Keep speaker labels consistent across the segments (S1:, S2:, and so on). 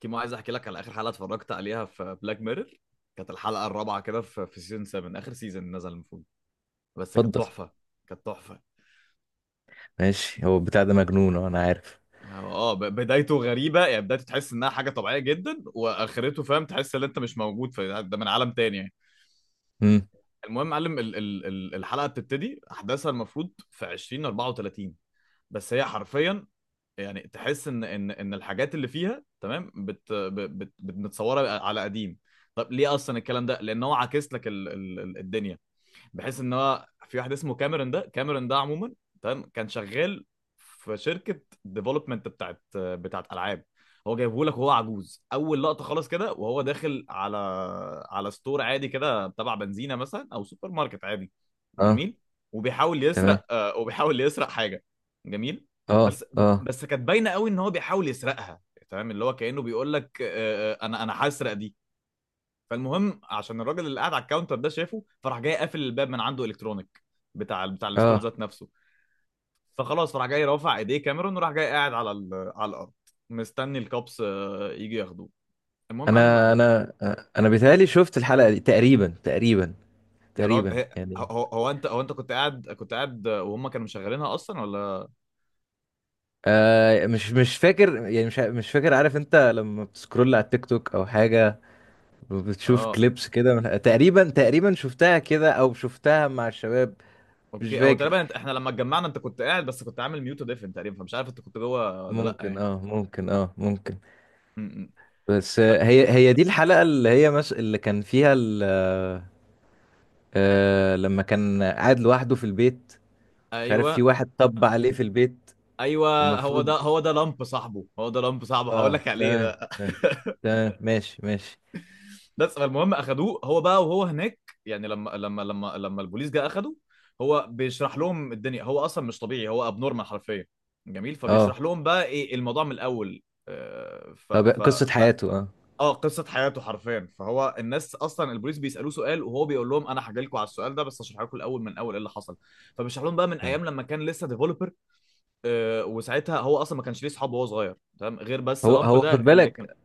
S1: كيمو، عايز احكي لك على اخر حلقه اتفرجت عليها في بلاك ميرور. كانت الحلقه الرابعه كده في سيزون 7، اخر سيزون نزل المفروض. بس كانت
S2: اتفضل.
S1: تحفه. كانت تحفه.
S2: ماشي. هو البتاع ده مجنون، اه، انا عارف.
S1: بدايته غريبه، يعني بدايته تحس انها حاجه طبيعيه جدا، واخرته فاهم تحس ان انت مش موجود في ده، من عالم تاني يعني.
S2: امم
S1: المهم يا معلم، الحلقه بتبتدي احداثها المفروض في 2034. بس هي حرفيا، يعني تحس ان الحاجات اللي فيها تمام متصوره على قديم. طب ليه اصلا الكلام ده؟ لان هو عاكس لك الدنيا، بحيث ان هو في واحد اسمه كاميرون. ده كاميرون ده عموما تمام كان شغال في شركه ديفلوبمنت بتاعت العاب. هو جايبه لك وهو عجوز، اول لقطه خالص كده وهو داخل على ستور عادي كده تبع بنزينه مثلا او سوبر ماركت عادي.
S2: اه.
S1: جميل. وبيحاول
S2: تمام.
S1: يسرق، وبيحاول يسرق حاجه. جميل.
S2: اه.
S1: بس.
S2: اه.
S1: كانت باينه قوي ان هو بيحاول يسرقها. تمام، اللي هو كانه بيقول لك انا هسرق دي. فالمهم، عشان الراجل اللي قاعد على الكاونتر ده شافه، فراح جاي قافل الباب من عنده الكترونيك، بتاع الستور
S2: اه.
S1: ذات نفسه. فخلاص فراح جاي رافع ايديه كاميرون، وراح جاي قاعد على على الارض، مستني الكابس يجي ياخدوه. المهم معلم راح
S2: انا
S1: جاي.
S2: انا آه، انا بيتهيألي شفت الحلقة دي تقريبا، تقريبا،
S1: يا راجل،
S2: تقريبا
S1: هي-
S2: يعني.
S1: هو هو انت هو انت كنت قاعد وهم كانوا مشغلينها اصلا ولا؟
S2: مش فاكر يعني، مش فاكر. عارف انت لما بتسكرول على التيك توك او حاجة، بتشوف
S1: اه
S2: كليبس كده تقريبا، تقريبا شفتها كده او شفتها مع الشباب. مش
S1: اوكي، هو
S2: فاكر.
S1: تقريبا احنا لما اتجمعنا انت كنت قاعد بس كنت عامل ميوت وديفن تقريبا، فمش عارف انت كنت جوه ولا لا
S2: ممكن،
S1: يعني.
S2: اه، ممكن، اه، ممكن.
S1: م- م.
S2: بس،
S1: بس.
S2: هي دي الحلقة اللي هي اللي كان فيها ال. لما كان قاعد لوحده في البيت. مش عارف، في
S1: ايوه
S2: واحد طب عليه في البيت.
S1: ايوه، هو ده
S2: ومفروض.
S1: هو ده لامب صاحبه هو ده لامب صاحبه، هقول
S2: اه.
S1: لك عليه
S2: تمام.
S1: ده.
S2: تمام. تمام. ماشي. ماشي.
S1: بس فالمهم اخدوه هو بقى، وهو هناك. يعني لما البوليس جه اخده، هو بيشرح لهم الدنيا. هو اصلا مش طبيعي، هو ابنورمال حرفيا. جميل،
S2: اه،
S1: فبيشرح لهم بقى ايه الموضوع من الاول. آه، ف
S2: طب
S1: ف
S2: قصة
S1: ف
S2: حياته، اه.
S1: اه، قصه حياته حرفيا. فهو الناس اصلا البوليس بيسالوه سؤال، وهو بيقول لهم انا هحكي لكم على السؤال ده بس هشرح لكم الاول من اول ايه اللي حصل. فبيشرح لهم بقى من
S2: تمام.
S1: ايام لما كان لسه ديفلوبر. وساعتها هو اصلا ما كانش ليه صحاب وهو صغير تمام، غير بس
S2: هو
S1: لامب
S2: هو خد
S1: ده اللي كان.
S2: بالك.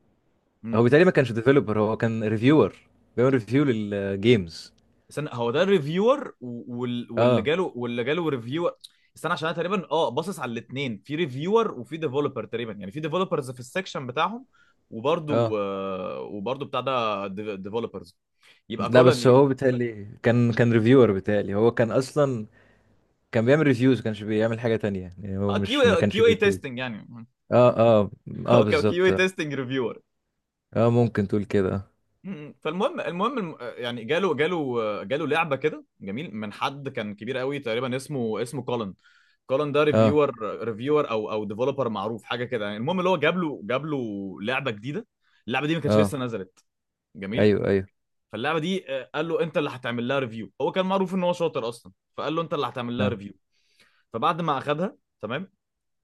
S2: هو
S1: مم.
S2: بالتالي ما كانش ديفيلوبر، هو كان ريفيور. بيعمل ريفيو للجيمز.
S1: استنى، هو ده الريفيور،
S2: اه.
S1: واللي جاله ريفيور؟ استنى، عشان انا تقريبا اه باصص على الاثنين، في ريفيور وفي ديفلوبر، تقريبا يعني في ديفلوبرز في السكشن بتاعهم. وبرضو
S2: اه.
S1: وبرضو بتاع ده ديفلوبرز. يبقى
S2: لا، بس
S1: كولن
S2: هو بالتالي كان ريفيور، بالتالي هو كان اصلا. كان بيعمل ريفيوز، ما كانش بيعمل حاجة تانية يعني، هو مش ما
S1: كيو،
S2: كانش
S1: كيو اي
S2: بيكون.
S1: تيستنج يعني.
S2: اه. اه. اه،
S1: هو كيو
S2: بالظبط.
S1: اي تيستنج ريفيور.
S2: اه ممكن تقول كده.
S1: فالمهم، يعني جاله لعبه كده جميل من حد كان كبير قوي تقريبا، اسمه كولن. كولن ده
S2: اه.
S1: ريفيور، ريفيور او ديفلوبر معروف حاجه كده يعني. المهم، اللي هو جاب له لعبه جديده. اللعبه دي ما كانتش
S2: اه.
S1: لسه نزلت. جميل.
S2: ايوه. ايوه.
S1: فاللعبه دي قال له انت اللي هتعمل لها ريفيو. هو كان معروف ان هو شاطر اصلا، فقال له انت اللي هتعمل لها
S2: اه.
S1: ريفيو. فبعد ما اخدها تمام،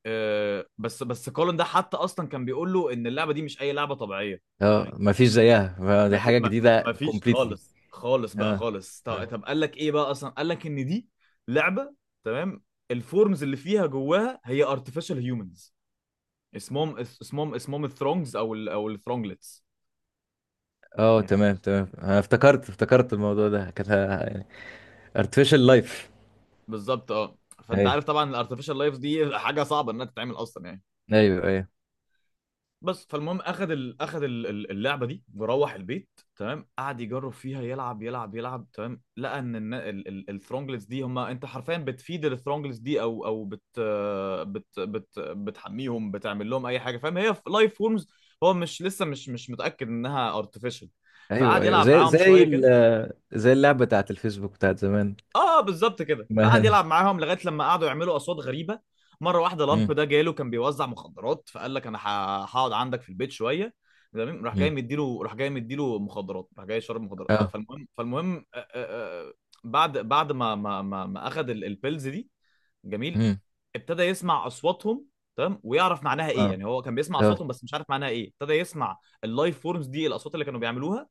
S1: بس كولن ده حتى اصلا كان بيقول له ان اللعبه دي مش اي لعبه طبيعيه.
S2: اه، مفيش زيها، فدي
S1: ما في
S2: حاجه
S1: ما,
S2: جديده
S1: ما فيش
S2: كومبليتلي.
S1: خالص، خالص بقى
S2: اه.
S1: خالص.
S2: اه.
S1: طب قال لك ايه بقى؟ اصلا قال لك ان دي لعبه تمام، الفورمز اللي فيها جواها هي artificial humans، اسمهم اسمهم الثرونجز او الثرونجلتس
S2: اه.
S1: يعني.
S2: تمام. تمام. انا افتكرت، افتكرت الموضوع ده، كانت يعني artificial life.
S1: بالظبط اه. فانت
S2: ايوه.
S1: عارف طبعا الارتفيشال لايف دي حاجه صعبه انها تتعمل اصلا يعني.
S2: ايوه. ايوه.
S1: بس فالمهم، اخد اللعبه دي وروح البيت. تمام، قعد يجرب فيها يلعب يلعب يلعب. تمام، لقى ان الثرونجلز دي هم انت حرفيا بتفيد الثرونجلز دي، او او بت... بت... بت... بتحميهم بتعمل لهم اي حاجه، فاهم؟ هي لايف فورمز. هو مش لسه مش متاكد انها ارتفيشال.
S2: ايوه.
S1: فقعد
S2: ايوه،
S1: يلعب
S2: زي
S1: معاهم
S2: زي
S1: شويه كده.
S2: ال- زي اللعبه بتاعت الفيسبوك بتاعت زمان.
S1: اه بالظبط كده،
S2: ما.
S1: فقعد يلعب معاهم لغايه لما قعدوا يعملوا اصوات غريبه. مره واحده
S2: مم.
S1: لامب ده جاله، كان بيوزع مخدرات، فقال لك انا هقعد عندك في البيت شويه. تمام،
S2: مم.
S1: راح جاي مديله مخدرات، راح جاي شرب مخدرات.
S2: اه.
S1: فالمهم، بعد بعد ما اخذ البيلز دي. جميل.
S2: مم.
S1: ابتدى يسمع اصواتهم. تمام، ويعرف معناها ايه،
S2: اه.
S1: يعني هو كان بيسمع
S2: اه.
S1: اصواتهم بس مش عارف معناها ايه. ابتدى يسمع اللايف فورمز دي الاصوات اللي كانوا بيعملوها،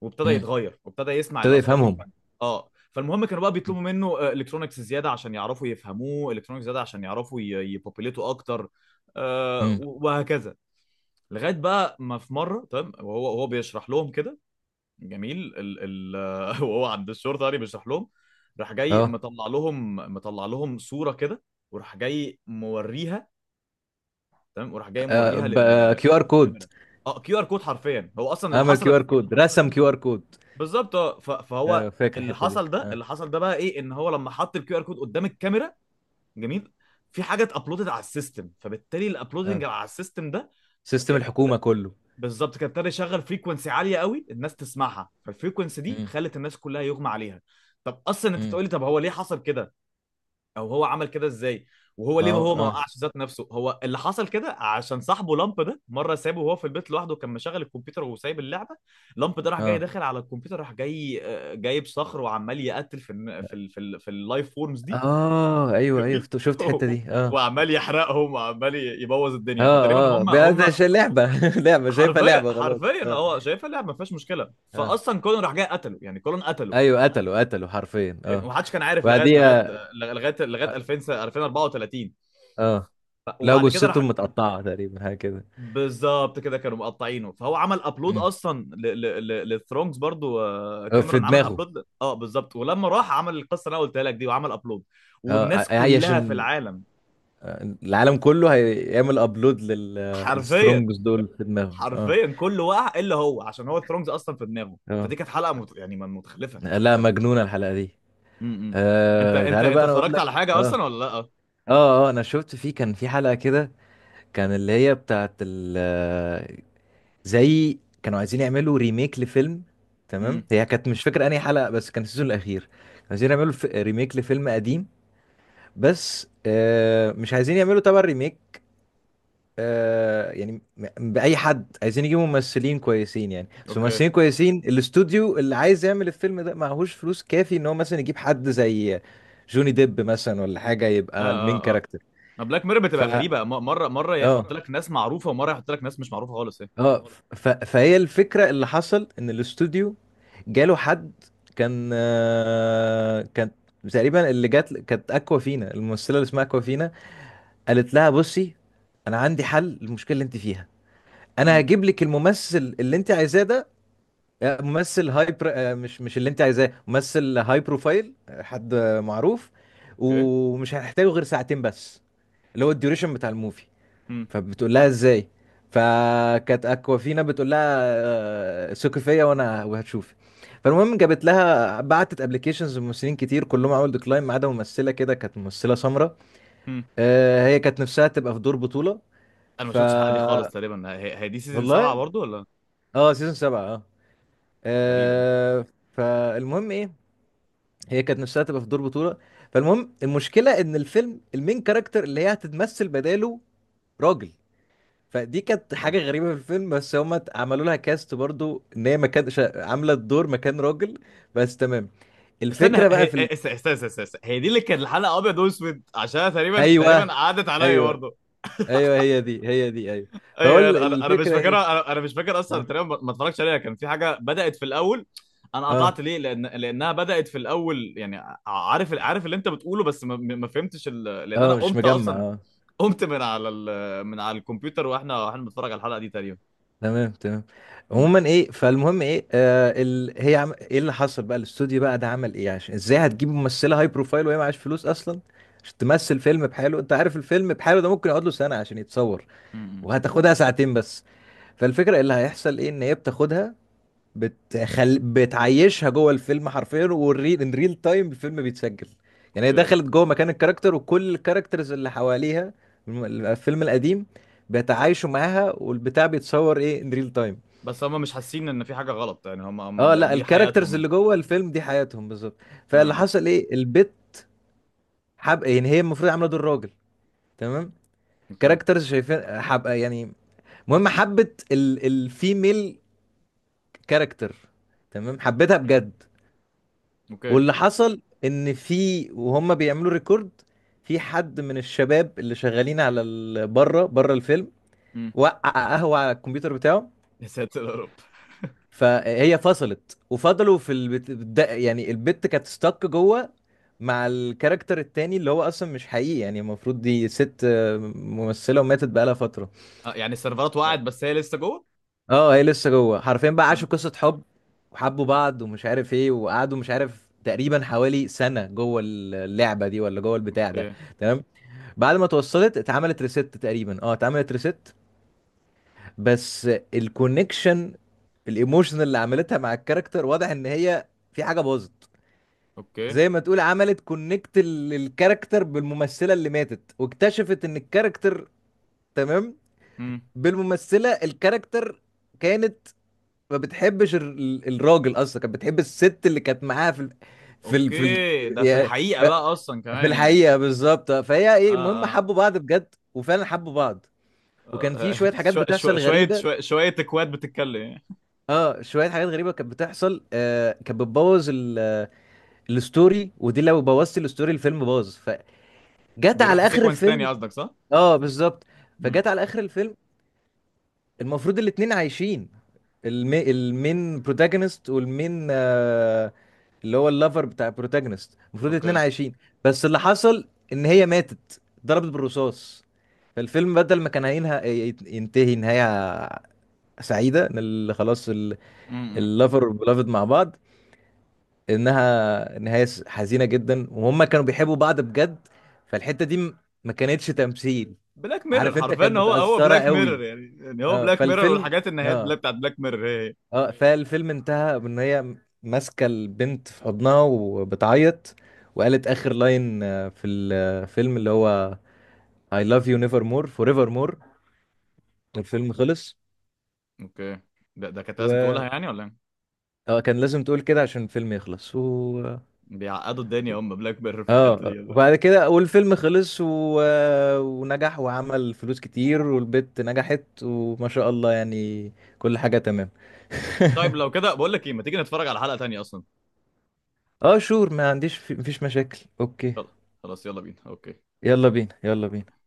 S1: وابتدى
S2: مم.
S1: يتغير وابتدى يسمع
S2: ابتدى
S1: الاصوات دي
S2: يفهمهم.
S1: وفهم. اه فالمهم كانوا بقى بيطلبوا منه الكترونكس زياده عشان يعرفوا يفهموه، الكترونكس زياده عشان يعرفوا يبوبيليتوا اكتر، آه
S2: مم.
S1: وهكذا. لغايه بقى ما في مره تمام وهو بيشرح لهم كده جميل ال ال وهو عند الشرطه يعني بيشرح لهم. راح جاي
S2: اه،
S1: مطلع لهم صوره كده، وراح جاي موريها، تمام وراح جاي موريها للكاميرا.
S2: كيو ار كود.
S1: اه كيو ار كود حرفيا، هو اصلا اللي
S2: عمل
S1: حصل
S2: كيو ار
S1: قبل كده
S2: كود، رسم كيو ار كود.
S1: بالظبط. اه
S2: آه،
S1: فهو،
S2: فاكر
S1: اللي
S2: الحته دي،
S1: حصل ده،
S2: اه.
S1: بقى ايه؟ ان هو لما حط الكيو ار كود قدام الكاميرا، جميل، في حاجه اتابلودت على السيستم. فبالتالي
S2: اه،
S1: الابلودنج على السيستم ده
S2: سيستم
S1: ابتدى،
S2: الحكومه كله.
S1: بالظبط، كان ابتدى يشغل فريكونسي عاليه قوي الناس تسمعها. فالفريكونسي دي
S2: مم.
S1: خلت الناس كلها يغمى عليها. طب اصلا انت
S2: مم.
S1: تقولي طب هو ليه حصل كده او هو عمل كده ازاي؟ وهو
S2: ما
S1: ليه ما
S2: هو
S1: هو ما
S2: اه.
S1: وقعش ذات نفسه؟ هو اللي حصل كده عشان صاحبه لامب ده مره سابه وهو في البيت لوحده، كان مشغل الكمبيوتر وسايب اللعبه. لامب ده راح جاي
S2: اه.
S1: داخل على الكمبيوتر، راح جاي جايب صخر وعمال يقتل في الن- في ال- في ال- في اللايف فورمز دي.
S2: اه. ايوه. ايوه.
S1: جميل
S2: شفت الحته دي، اه.
S1: وعمال يحرقهم وعمال يبوظ الدنيا. فتقريبا
S2: اه. اه بقى ده
S1: هم
S2: عشان لعبه. لعبه شايفها،
S1: حرفيا،
S2: لعبه، خلاص،
S1: حرفيا
S2: اه.
S1: هو شايفها اللعبه ما فيهاش مشكله.
S2: اه.
S1: فاصلا كولن راح جاي قتله، يعني كولن قتله.
S2: ايوه، قتلوا، قتلوا حرفيا، اه.
S1: ومحدش كان عارف
S2: وبعديها.
S1: لغايه
S2: اه.
S1: 2000 2034.
S2: آه. لقوا
S1: وبعد كده
S2: جثتهم
S1: راح.
S2: متقطعه تقريبا، حاجه كده.
S1: بالظبط كده، كانوا مقطعينه، فهو عمل ابلود
S2: مم.
S1: اصلا للثرونجز برضو،
S2: آه، في
S1: كاميرون عمل
S2: دماغه.
S1: ابلود بالظبط. ولما راح عمل القصه اللي انا قلتها لك دي، وعمل ابلود،
S2: اه،
S1: والناس
S2: هي
S1: كلها في
S2: عشان.
S1: العالم،
S2: آه، العالم كله هيعمل ابلود
S1: حرفيا،
S2: للسترونجز دول في دماغهم، اه.
S1: حرفيا كله وقع الا هو، عشان هو الثرونجز اصلا في دماغه.
S2: اه،
S1: فدي كانت حلقه متخلفه، كانت
S2: لا،
S1: كانت.
S2: مجنونه الحلقه دي.
S1: م- م.
S2: آه، تعالى
S1: انت
S2: بقى انا اقول
S1: اتفرجت على
S2: لك،
S1: حاجه
S2: اه.
S1: اصلا ولا لا؟
S2: اه. اه، انا شفت فيه كان في حلقة كده. كان اللي هي بتاعت ال، زي، كانوا عايزين يعملوا ريميك لفيلم. تمام.
S1: امم.
S2: هي كانت، مش فاكر انهي حلقة، بس كان السيزون الاخير. كانوا عايزين يعملوا ريميك لفيلم قديم. بس مش عايزين يعملوا تبع الريميك. يعني بأي حد عايزين يجيبوا ممثلين كويسين، يعني بس
S1: اوكي. اه
S2: ممثلين كويسين. الاستوديو اللي عايز يعمل الفيلم ده معهوش فلوس كافي ان هو مثلا يجيب حد زي جوني ديب مثلا ولا حاجة يبقى المين
S1: اه اه،
S2: كاركتر.
S1: بلاك ميرور
S2: ف
S1: بتبقى غريبه، مره مره يحط
S2: اه.
S1: لك ناس معروفه ومره يحط لك ناس مش معروفه خالص ايه.
S2: اه. فهي الفكرة، اللي حصل ان الاستوديو. جاله حد. كان، كانت. تقريبا اللي جات كانت اكوا فينا، الممثلة اللي اسمها اكوا فينا. قالت لها بصي. انا عندي حل للمشكلة اللي انت فيها. انا
S1: امم.
S2: هجيب لك الممثل اللي انت عايزاه ده. ممثل هاي مش اللي انت عايزاه، ممثل هاي بروفايل، حد معروف.
S1: اوكي.
S2: ومش هنحتاجه غير ساعتين بس. اللي هو الديوريشن بتاع الموفي. فبتقول لها ازاي؟ فكانت اكوافينا بتقول لها. ثقي فيا وانا، وهتشوفي. فالمهم جابت لها، بعتت ابلكيشنز لممثلين كتير كلهم عملوا ديكلاين ما عدا ممثله كده، كانت ممثله سمراء.
S1: امم.
S2: هي كانت نفسها تبقى في دور بطوله.
S1: انا ما
S2: ف
S1: شفتش الحلقه دي خالص تقريبا. هي دي سيزون 7
S2: والله.
S1: برضو ولا؟
S2: اه، سيزون 7، اه.
S1: غريبا.
S2: آه، فالمهم ايه. هي كانت نفسها تبقى في دور بطوله. فالمهم المشكله ان الفيلم المين كاركتر اللي هي هتتمثل بداله. راجل. فدي كانت
S1: اوكي،
S2: حاجة غريبة في الفيلم، بس هما عملوا لها كاست برضو ان هي مكان عاملة الدور مكان راجل. بس، تمام.
S1: استنى.
S2: الفكرة بقى في
S1: هي دي اللي كانت الحلقه ابيض واسود، عشان تقريبا تقريبا
S2: ايوه.
S1: عادت عليا
S2: ايوه.
S1: برضو.
S2: ايوه. هي دي، هي دي، ايوه. فهو
S1: ايوه. انا انا أنا مش
S2: الفكرة ايه؟
S1: فاكرها. انا أنا مش فاكر اصلا
S2: اه.
S1: تقريبا، ما اتفرجتش عليها. كان في حاجه بدات في الاول، انا قطعت
S2: اه.
S1: ليه لان لانها بدات في الاول يعني. عارف عارف اللي انت بتقوله بس ما فهمتش ال... لان انا
S2: مش
S1: قمت
S2: مجمع،
S1: اصلا،
S2: اه.
S1: قمت من على ال... من على الكمبيوتر واحنا بنتفرج على الحلقه دي تقريبا.
S2: تمام. تمام.
S1: م-
S2: عموما ايه، فالمهم ايه، هي ايه اللي حصل بقى، الاستوديو بقى ده عمل ايه عشان، ازاي هتجيب ممثلة هاي بروفايل وهي معاش فلوس اصلا؟ عشان تمثل فيلم بحاله، انت عارف الفيلم بحاله ده ممكن يقعد له سنة عشان يتصور.
S1: م- م.
S2: وهتاخدها ساعتين بس. فالفكرة اللي هيحصل ايه، ان هي بتاخدها. بتعيشها جوه الفيلم حرفيا، والريل ان ريل تايم الفيلم بيتسجل. يعني هي
S1: اوكي.
S2: دخلت جوه مكان الكاركتر، وكل الكاركترز اللي حواليها. الفيلم القديم. بيتعايشوا معاها، والبتاع بيتصور ايه ان ريل تايم.
S1: بس هم مش حاسين ان في حاجه غلط يعني؟ هم
S2: اه،
S1: ده
S2: لا،
S1: دي حياتهم
S2: الكاركترز
S1: يعني.
S2: اللي جوه الفيلم دي حياتهم بالظبط.
S1: اه
S2: فاللي
S1: آه.
S2: حصل ايه، البت. حب، يعني هي المفروض عامله دور راجل. تمام.
S1: اوكي.
S2: كاركترز شايفين حب يعني. المهم حبت الفيميل. كاركتر. تمام، حبيتها
S1: مم.
S2: بجد.
S1: اوكي.
S2: واللي حصل ان في، وهم بيعملوا ريكورد. في حد من الشباب اللي شغالين على بره، بره الفيلم.
S1: مم.
S2: وقع. قهوة على الكمبيوتر بتاعه.
S1: يا ساتر يا رب
S2: فهي فصلت، وفضلوا في يعني البت كانت ستك جوه. مع الكاركتر التاني اللي هو اصلا مش حقيقي، يعني المفروض دي ست، ممثلة وماتت بقالها فترة.
S1: آه يعني السيرفرات وقعت بس هي لسه جوه.
S2: اه، هي لسه جوه، حرفيا بقى عاشوا
S1: اه.
S2: قصة حب. وحبوا بعض، ومش عارف ايه، وقعدوا مش عارف تقريبا حوالي سنة جوه اللعبة دي ولا جوه البتاع ده.
S1: اوكي.
S2: تمام. بعد ما اتوصلت اتعملت ريست تقريبا، اه، اتعملت ريست. بس. الكونكشن. الايموشن اللي عملتها مع الكاركتر، واضح ان هي في حاجه باظت.
S1: اوكي.
S2: زي ما تقول عملت كونكت الكاركتر بالممثله اللي ماتت، واكتشفت ان الكاركتر. تمام.
S1: مم.
S2: بالممثله، الكاركتر. كانت. ما بتحبش الراجل اصلا، كانت بتحب الست اللي كانت معاها في ال. في في ال...
S1: اوكي. ده في
S2: يا-
S1: الحقيقه بقى اصلا
S2: في
S1: كمان يعني.
S2: الحقيقه بالظبط، فهي ايه،
S1: اه.
S2: المهم
S1: اه.
S2: حبوا بعض بجد وفعلا حبوا بعض. وكان في
S1: آه.
S2: شويه حاجات بتحصل
S1: شويه
S2: غريبه.
S1: شويه شويه اكواد بتتكلم يعني.
S2: اه، شويه حاجات غريبه كانت بتحصل، كانت بتبوظ الستوري، ودي لو بوظت الستوري، الفيلم باظ. فجت
S1: بيروح في
S2: على اخر
S1: سيكونس تاني
S2: الفيلم.
S1: قصدك، صح؟
S2: اه، بالظبط.
S1: مم.
S2: فجت على اخر الفيلم. المفروض الاتنين عايشين. المين بروتاجونست والمين اللي هو اللافر بتاع البروتاجونست، المفروض الاتنين
S1: اوكي.
S2: عايشين. بس اللي حصل ان هي ماتت، ضربت بالرصاص. فالفيلم بدل ما كان هينهى. ينتهي نهايه. سعيده ان خلاص.
S1: امم.
S2: اللافر والبلافد مع بعض. انها نهايه حزينه جدا، وهم كانوا بيحبوا بعض بجد. فالحته دي ما كانتش تمثيل.
S1: بلاك ميرور
S2: عارف انت
S1: حرفيا،
S2: كانت
S1: هو
S2: متاثره
S1: بلاك
S2: قوي.
S1: ميرور يعني هو
S2: اه
S1: بلاك ميرور،
S2: فالفيلم،
S1: والحاجات النهايات
S2: اه.
S1: بلاك بتاعت بلاك ميرور هي.
S2: اه، فالفيلم انتهى بان هي. ماسكه البنت في حضنها وبتعيط. وقالت اخر لاين في الفيلم اللي هو I love you never more forever more. الفيلم خلص.
S1: اوكي، ده كانت لازم
S2: و.
S1: تقولها يعني ولا ايه؟
S2: اه، كان لازم تقول كده عشان الفيلم يخلص و.
S1: بيعقدوا الدنيا هم بلاك بيرر في الحته دي،
S2: اه،
S1: يلا.
S2: وبعد كده والفيلم خلص و. ونجح وعمل فلوس كتير والبت نجحت وما شاء الله يعني. كل حاجة تمام.
S1: طيب لو كده بقول لك ايه، ما تيجي نتفرج على حلقه تانية اصلا.
S2: اه شور، ما عنديش مفيش مشاكل، اوكي.
S1: يلا. خلاص يلا بينا اوكي.
S2: يلا بينا، يلا بينا.